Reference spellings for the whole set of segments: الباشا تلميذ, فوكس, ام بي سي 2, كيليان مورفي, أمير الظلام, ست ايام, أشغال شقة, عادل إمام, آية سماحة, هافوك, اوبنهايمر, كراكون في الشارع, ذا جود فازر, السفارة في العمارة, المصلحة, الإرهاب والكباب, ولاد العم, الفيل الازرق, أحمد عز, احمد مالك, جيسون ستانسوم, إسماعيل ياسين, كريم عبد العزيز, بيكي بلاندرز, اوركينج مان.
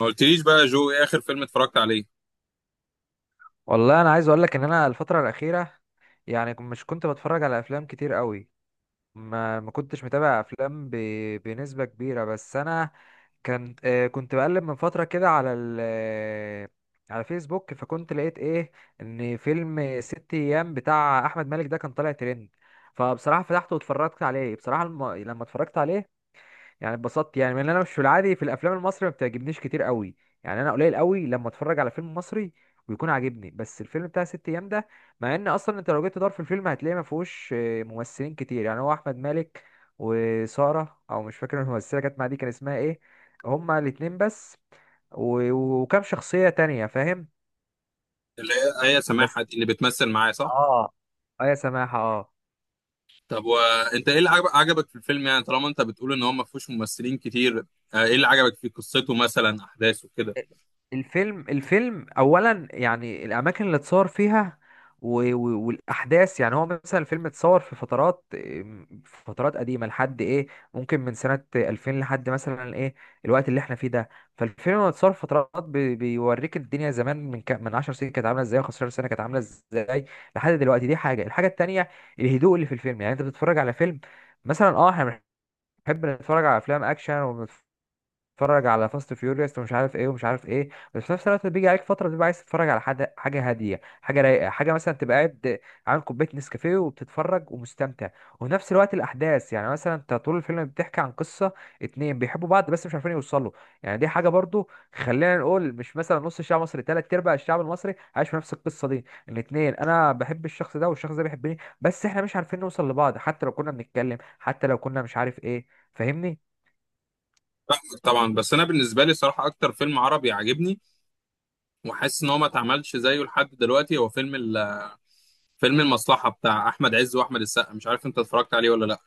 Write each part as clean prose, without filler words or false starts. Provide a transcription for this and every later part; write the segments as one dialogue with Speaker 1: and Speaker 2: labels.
Speaker 1: ما قلتليش بقى جو، ايه اخر فيلم اتفرجت عليه؟
Speaker 2: والله انا عايز اقول لك ان انا الفتره الاخيره. يعني مش كنت بتفرج على افلام كتير قوي. ما كنتش متابع افلام بنسبه كبيره، بس انا كان كنت بقلب من فتره كده على على فيسبوك، فكنت لقيت ايه؟ ان فيلم ست ايام بتاع احمد مالك ده كان طالع ترند. فبصراحه فتحته واتفرجت عليه. بصراحه لما اتفرجت عليه يعني اتبسطت. يعني من انا مش في العادي، في الافلام المصري ما بتعجبنيش كتير قوي. يعني انا قليل قوي لما اتفرج على فيلم مصري ويكون عاجبني، بس الفيلم بتاع ست ايام ده مع ان اصلا انت لو جيت تدور في الفيلم هتلاقيه ما فيهوش ممثلين كتير. يعني هو احمد مالك وسارة، او مش فاكر الممثله كانت مع دي كان اسمها ايه، هما الاتنين بس وكام شخصيه تانية، فاهم.
Speaker 1: اللي هي آية سماحة
Speaker 2: بس
Speaker 1: دي اللي بتمثل معايا، صح؟
Speaker 2: اه. اه يا سماحة، اه.
Speaker 1: طب وانت، ايه اللي عجبك في الفيلم؟ يعني طالما انت بتقول ان هو ما فيهوش ممثلين كتير، ايه اللي عجبك في قصته، مثلا احداثه كده؟
Speaker 2: الفيلم اولا يعني الاماكن اللي اتصور فيها والاحداث. يعني هو مثلا الفيلم اتصور في فترات، في فترات قديمه لحد ايه، ممكن من سنه 2000 لحد مثلا ايه، الوقت اللي احنا فيه ده. فالفيلم لما اتصور في فترات بيوريك الدنيا زمان من 10 سنين كانت عامله ازاي، و15 سنه كانت عامله ازاي، لحد دلوقتي. دي حاجه. الحاجه التانيه الهدوء اللي في الفيلم. يعني انت بتتفرج على فيلم، مثلا احنا بنحب نتفرج على افلام اكشن، تتفرج على فاست فيوريوس ومش عارف ايه ومش عارف ايه، بس في نفس الوقت بيجي عليك فتره بتبقى عايز تتفرج على حاجه، حاجه هاديه، حاجه رايقه، حاجه مثلا تبقى قاعد عامل كوبايه نسكافيه وبتتفرج ومستمتع. وفي نفس الوقت الاحداث، يعني مثلا انت طول الفيلم بتحكي عن قصه اتنين بيحبوا بعض بس مش عارفين يوصلوا. يعني دي حاجه برضو، خلينا نقول مش مثلا نص الشعب المصري، تلات ارباع الشعب المصري عايش في نفس القصه دي. الاتنين، انا بحب الشخص ده والشخص ده بيحبني، بس احنا مش عارفين نوصل لبعض، حتى لو كنا بنتكلم، حتى لو كنا مش عارف ايه. فاهمني.
Speaker 1: طبعا، بس انا بالنسبه لي صراحه اكتر فيلم عربي عاجبني وحاسس ان هو ما اتعملش زيه لحد دلوقتي هو فيلم المصلحه بتاع احمد عز واحمد السقا، مش عارف انت اتفرجت عليه ولا لا.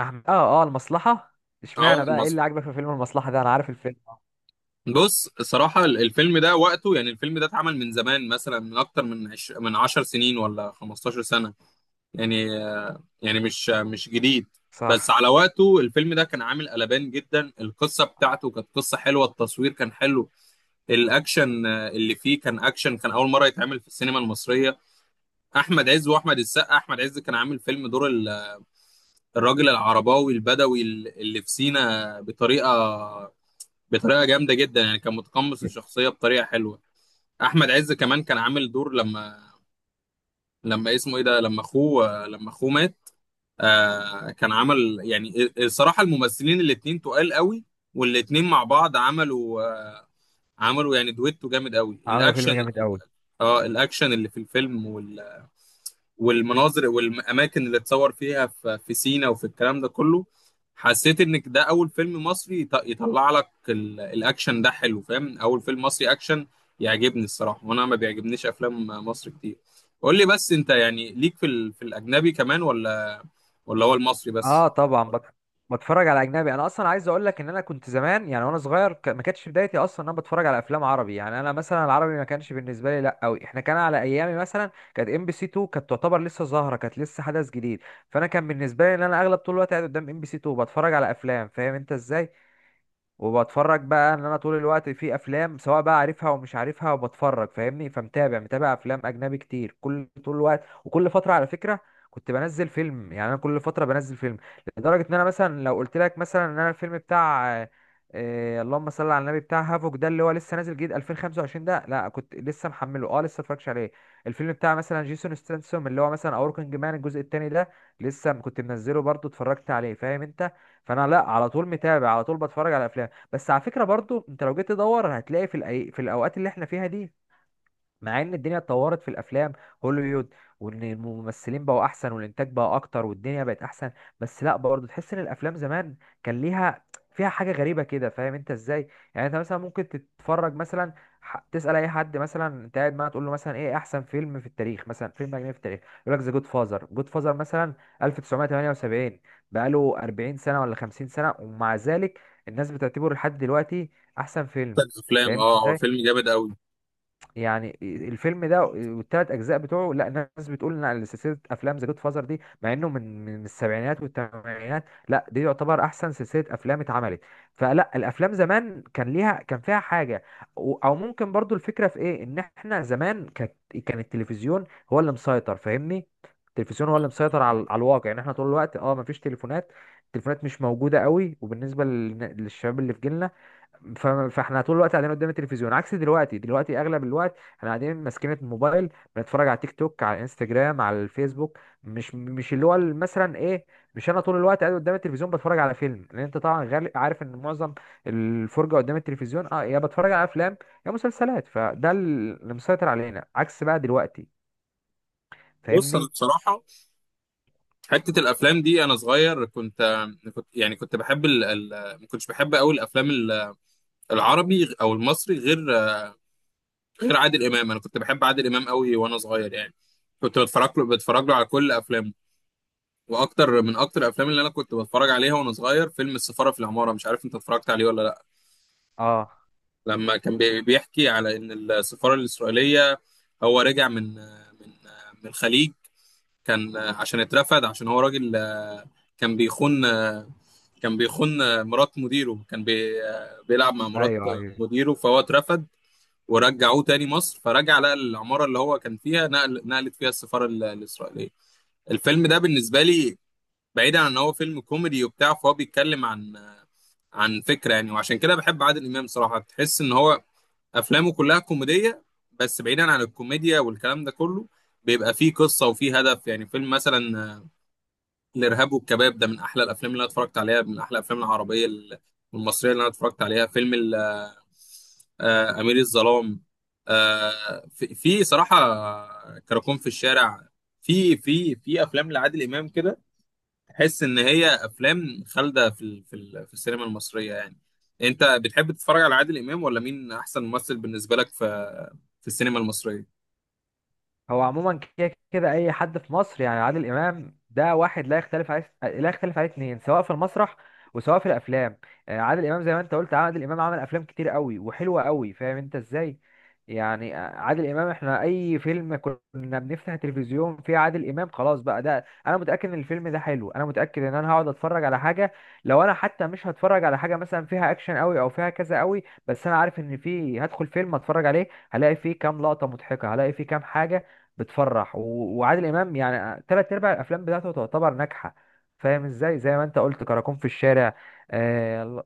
Speaker 2: احمد، اه. اه، المصلحه.
Speaker 1: اه،
Speaker 2: اشمعنى بقى؟ ايه اللي
Speaker 1: المصلحه.
Speaker 2: عاجبك في فيلم المصلحه ده؟ انا عارف الفيلم.
Speaker 1: بص الصراحه الفيلم ده وقته، يعني الفيلم ده اتعمل من زمان، مثلا من اكتر من 10 سنين ولا 15 سنه. يعني يعني مش جديد. بس
Speaker 2: صح.
Speaker 1: على وقته الفيلم ده كان عامل قلبان جدا، القصة بتاعته كانت قصة حلوة، التصوير كان حلو، الأكشن اللي فيه كان أكشن، كان أول مرة يتعمل في السينما المصرية. أحمد عز وأحمد السقا، أحمد عز كان عامل فيلم دور الراجل العرباوي البدوي اللي في سينا بطريقة جامدة جدا، يعني كان متقمص الشخصية بطريقة حلوة. أحمد عز كمان كان عامل دور لما اسمه إيه ده، لما أخوه، لما أخوه مات. آه، كان عمل، يعني الصراحة الممثلين الاتنين تقال قوي، والاتنين مع بعض عملوا، عملوا يعني دويتو جامد قوي.
Speaker 2: عملوا
Speaker 1: الأكشن،
Speaker 2: فيلم جامد قوي.
Speaker 1: اه الأكشن اللي في الفيلم والمناظر والأماكن اللي اتصور فيها في سينا وفي الكلام ده كله، حسيت إنك ده أول فيلم مصري يطلع لك الأكشن ده حلو، فاهم؟ أول فيلم مصري أكشن يعجبني الصراحة، وأنا ما بيعجبنيش أفلام مصر كتير. قول لي بس أنت، يعني ليك في الأجنبي كمان، ولا هو المصري
Speaker 2: اه
Speaker 1: بس؟
Speaker 2: طبعا بتفرج على اجنبي. انا اصلا عايز اقول لك ان انا كنت زمان، يعني وانا صغير ما كانتش بدايتي اصلا ان انا بتفرج على افلام عربي. يعني انا مثلا العربي ما كانش بالنسبه لي لا قوي. احنا كان على ايامي مثلا كانت ام بي سي 2 كانت تعتبر لسه ظاهره، كانت لسه حدث جديد. فانا كان بالنسبه لي ان انا اغلب طول الوقت قاعد قدام ام بي سي 2 بتفرج على افلام، فاهم انت ازاي. وبتفرج بقى ان انا طول الوقت في افلام، سواء بقى عارفها ومش عارفها وبتفرج، فاهمني. فمتابع، افلام اجنبي كتير كل طول الوقت. وكل فتره على فكره كنت بنزل فيلم. يعني انا كل فتره بنزل فيلم، لدرجه ان انا مثلا لو قلت لك مثلا ان انا الفيلم بتاع اللهم صل على النبي، بتاع هافوك ده اللي هو لسه نازل جديد 2025 ده، لا كنت لسه محمله، لسه متفرجش عليه. الفيلم بتاع مثلا جيسون ستانسوم اللي هو مثلا اوركينج مان الجزء التاني ده لسه كنت منزله برضه اتفرجت عليه، فاهم انت. فانا لا، على طول متابع، على طول بتفرج على افلام. بس على فكرة برضو انت لو جيت تدور هتلاقي في الاوقات اللي احنا فيها دي، مع ان الدنيا اتطورت في الافلام، هوليوود، وان الممثلين بقوا احسن والانتاج بقى اكتر والدنيا بقت احسن، بس لا برضه تحس ان الافلام زمان كان ليها، فيها حاجه غريبه كده، فاهم انت ازاي. يعني انت مثلا ممكن تتفرج مثلا تسال اي حد مثلا انت قاعد معاه، تقول له مثلا ايه احسن فيلم في التاريخ، مثلا فيلم اجنبي في التاريخ، يقول لك ذا جود فازر. جود فازر مثلا 1978، بقاله 40 سنه ولا 50 سنه، ومع ذلك الناس بتعتبره لحد دلوقتي احسن فيلم.
Speaker 1: الافلام،
Speaker 2: فاهم
Speaker 1: اه هو
Speaker 2: ازاي؟
Speaker 1: فيلم جامد قوي.
Speaker 2: يعني الفيلم ده والتلات اجزاء بتوعه، لا ناس بتقول ان على سلسله افلام ذا جود فازر دي، مع انه من السبعينات والثمانينات، لا دي يعتبر احسن سلسله افلام اتعملت. فلا الافلام زمان كان ليها، كان فيها حاجه، او ممكن برضو الفكره في ايه، ان احنا زمان كانت، كان التلفزيون هو اللي مسيطر، فاهمني. التلفزيون هو اللي مسيطر على الواقع. يعني احنا طول الوقت مفيش تليفونات، التليفونات مش موجوده قوي، وبالنسبه للشباب اللي في جيلنا، فاحنا طول الوقت قاعدين قدام التلفزيون، عكس دلوقتي. دلوقتي اغلب الوقت احنا قاعدين ماسكين الموبايل، بنتفرج على تيك توك، على انستجرام، على الفيسبوك. مش اللي هو مثلا ايه، مش انا طول الوقت قاعد قدام التلفزيون بتفرج على فيلم، لان انت طبعا عارف ان معظم الفرجه قدام التلفزيون يا بتفرج على افلام، يا مسلسلات، فده اللي مسيطر علينا عكس بقى دلوقتي.
Speaker 1: بص انا
Speaker 2: فاهمني.
Speaker 1: بصراحه، حته الافلام دي انا صغير كنت يعني كنت بحب ما كنتش بحب قوي الافلام العربي او المصري غير عادل امام. انا كنت بحب عادل امام قوي وانا صغير، يعني كنت بتفرج له على كل افلامه. واكتر من اكتر الافلام اللي انا كنت بتفرج عليها وانا صغير فيلم السفاره في العماره، مش عارف انت اتفرجت عليه ولا لا.
Speaker 2: اه،
Speaker 1: لما كان بيحكي على ان السفاره الاسرائيليه، هو رجع من الخليج. كان عشان اترفد، عشان هو راجل، كان بيخون، مرات مديره، كان بي آه، بيلعب مع مرات
Speaker 2: ايوه، ايوه.
Speaker 1: مديره، فهو اترفد. ورجعوه تاني مصر، فرجع لقى العمارة اللي هو كان فيها نقلت فيها السفارة الإسرائيلية. الفيلم ده بالنسبة لي، بعيدا عن ان هو فيلم كوميدي وبتاع، فهو بيتكلم عن عن فكرة يعني، وعشان كده بحب عادل إمام صراحة. تحس ان هو افلامه كلها كوميدية، بس بعيدا عن الكوميديا والكلام ده كله بيبقى فيه قصة وفيه هدف. يعني فيلم مثلا الارهاب والكباب ده من احلى الافلام اللي انا اتفرجت عليها، من احلى الافلام العربيه والمصريه اللي انا اتفرجت عليها. فيلم امير الظلام، في صراحه كراكون في الشارع. في افلام لعادل امام كده، تحس ان هي افلام خالده في السينما المصريه. يعني انت بتحب تتفرج على عادل امام، ولا مين احسن ممثل بالنسبه لك في في السينما المصريه؟
Speaker 2: هو عموما كده كده اي حد في مصر يعني عادل امام ده واحد لا يختلف عليه، لا يختلف عليه اتنين، سواء في المسرح وسواء في الافلام. عادل امام، زي ما انت قلت، عادل امام عمل افلام كتير قوي وحلوه قوي، فاهم انت ازاي. يعني عادل امام احنا اي فيلم كنا بنفتح التلفزيون فيه عادل امام خلاص بقى ده انا متاكد ان الفيلم ده حلو، انا متاكد ان انا هقعد اتفرج على حاجه، لو انا حتى مش هتفرج على حاجه مثلا فيها اكشن قوي او فيها كذا قوي، بس انا عارف ان فيه، هدخل فيلم اتفرج عليه هلاقي فيه كام لقطه مضحكه، هلاقي فيه كام حاجه بتفرح. وعادل امام يعني تلات ارباع الافلام بتاعته تعتبر ناجحه، فاهم ازاي. زي ما انت قلت كراكون في الشارع، آه ال-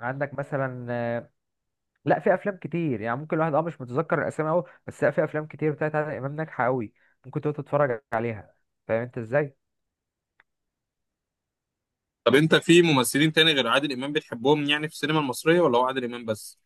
Speaker 2: عندك مثلا، لا في افلام كتير. يعني ممكن الواحد مش متذكر الاسامي قوي، بس لا في افلام كتير بتاعت عادل امام ناجحه قوي، ممكن تقعد تتفرج عليها، فاهم انت ازاي.
Speaker 1: طب انت في ممثلين تاني غير عادل امام بتحبهم يعني في السينما المصريه، ولا هو عادل امام بس؟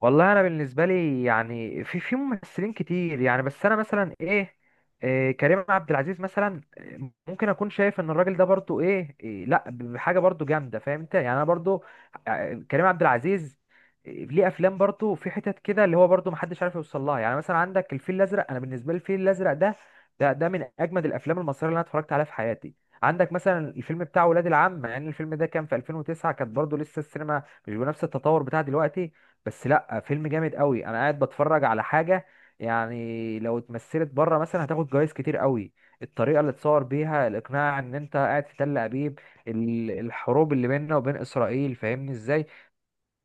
Speaker 2: والله انا بالنسبه لي يعني في ممثلين كتير يعني، بس انا مثلا ايه, إيه كريم عبد العزيز مثلا، ممكن اكون شايف ان الراجل ده برضو ايه, إيه لا بحاجه برضو جامده، فاهم انت. يعني انا برضو كريم عبد العزيز، ليه افلام برضو في حتت كده اللي هو برضو محدش عارف يوصل لها. يعني مثلا عندك الفيل الازرق. انا بالنسبه لي الفيل الازرق ده من اجمد الافلام المصريه اللي انا اتفرجت عليها في حياتي. عندك مثلا الفيلم بتاع ولاد العم، يعني الفيلم ده كان في 2009، كانت برضو لسه السينما مش بنفس التطور بتاع دلوقتي، بس لا فيلم جامد قوي. انا قاعد بتفرج على حاجه، يعني لو اتمثلت بره مثلا هتاخد جوائز كتير قوي. الطريقه اللي اتصور بيها، الاقناع ان انت قاعد في تل ابيب، الحروب اللي بيننا وبين اسرائيل، فاهمني ازاي.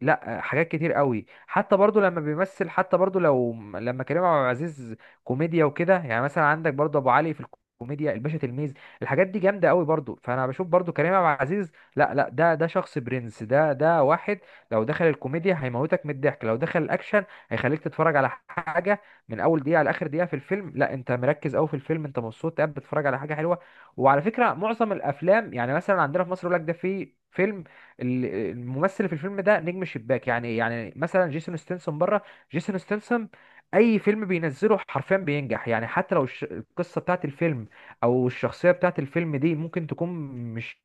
Speaker 2: لا حاجات كتير قوي حتى برضو لما بيمثل، حتى برضو لما كريم عبد العزيز كوميديا وكده، يعني مثلا عندك برضو ابو علي في الكوميديا، الباشا تلميذ، الحاجات دي جامده قوي برضو، فانا بشوف برضو كريم عبد العزيز لا لا، ده شخص برنس، ده واحد لو دخل الكوميديا هيموتك من الضحك، لو دخل الاكشن هيخليك تتفرج على حاجه من اول دقيقه لاخر دقيقه في الفيلم. لا انت مركز قوي في الفيلم، انت مبسوط قاعد بتتفرج على حاجه حلوه. وعلى فكره معظم الافلام يعني مثلا عندنا في مصر يقول لك ده في فيلم، ال- الممثل في الفيلم ده نجم شباك. يعني مثلا جيسون ستنسون بره، جيسون ستنسون اي فيلم بينزله حرفيا بينجح. يعني حتى لو القصه بتاعت الفيلم او الشخصيه بتاعت الفيلم دي ممكن تكون مش،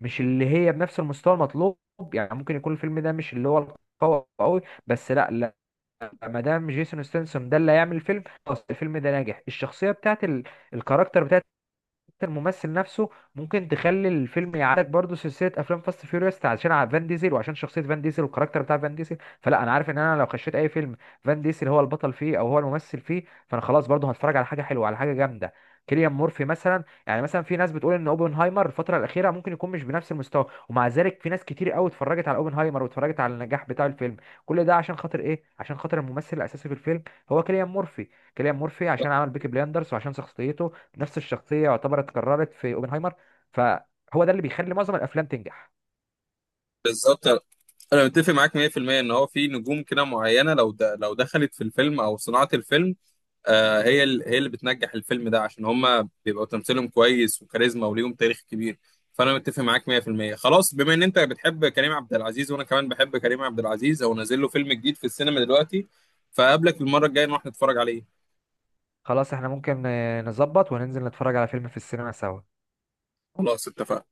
Speaker 2: اللي هي بنفس المستوى المطلوب. يعني ممكن يكون الفيلم ده مش اللي هو القوي قوي، بس لا لا، ما دام جيسون ستنسون ده اللي هيعمل الفيلم خلاص الفيلم ده ناجح. الشخصيه بتاعت الكاركتر، الممثل نفسه ممكن تخلي الفيلم يعالج برضه. سلسله افلام فاست فيوريوس عشان على فان ديزل وعشان شخصيه فان ديزل والكاركتر بتاع فان ديزل، فلا انا عارف ان انا لو خشيت اي فيلم فان ديزل هو البطل فيه او هو الممثل فيه، فانا خلاص برضه هتفرج على حاجه حلوه، على حاجه جامده. كيليان مورفي مثلا، يعني مثلا في ناس بتقول ان اوبنهايمر الفتره الاخيره ممكن يكون مش بنفس المستوى، ومع ذلك في ناس كتير قوي اتفرجت على اوبنهايمر، واتفرجت على النجاح بتاع الفيلم. كل ده عشان خاطر ايه؟ عشان خاطر الممثل الاساسي في الفيلم، هو كيليان مورفي. كيليان مورفي عشان عمل بيكي بلاندرز وعشان شخصيته نفس الشخصيه يعتبر اتكررت في اوبنهايمر، فهو ده اللي بيخلي معظم الافلام تنجح.
Speaker 1: بالظبط، انا متفق معاك 100% ان هو في نجوم كده معينه لو دخلت في الفيلم او صناعه الفيلم. آه، هي اللي بتنجح الفيلم ده، عشان هم بيبقوا تمثيلهم كويس وكاريزما وليهم تاريخ كبير. فانا متفق معاك 100%. خلاص، بما ان انت بتحب كريم عبد العزيز وانا كمان بحب كريم عبد العزيز او نازل له فيلم جديد في السينما دلوقتي، فقابلك المره الجايه نروح نتفرج عليه.
Speaker 2: خلاص احنا ممكن نظبط وننزل نتفرج على فيلم في السينما سوا.
Speaker 1: خلاص اتفقنا.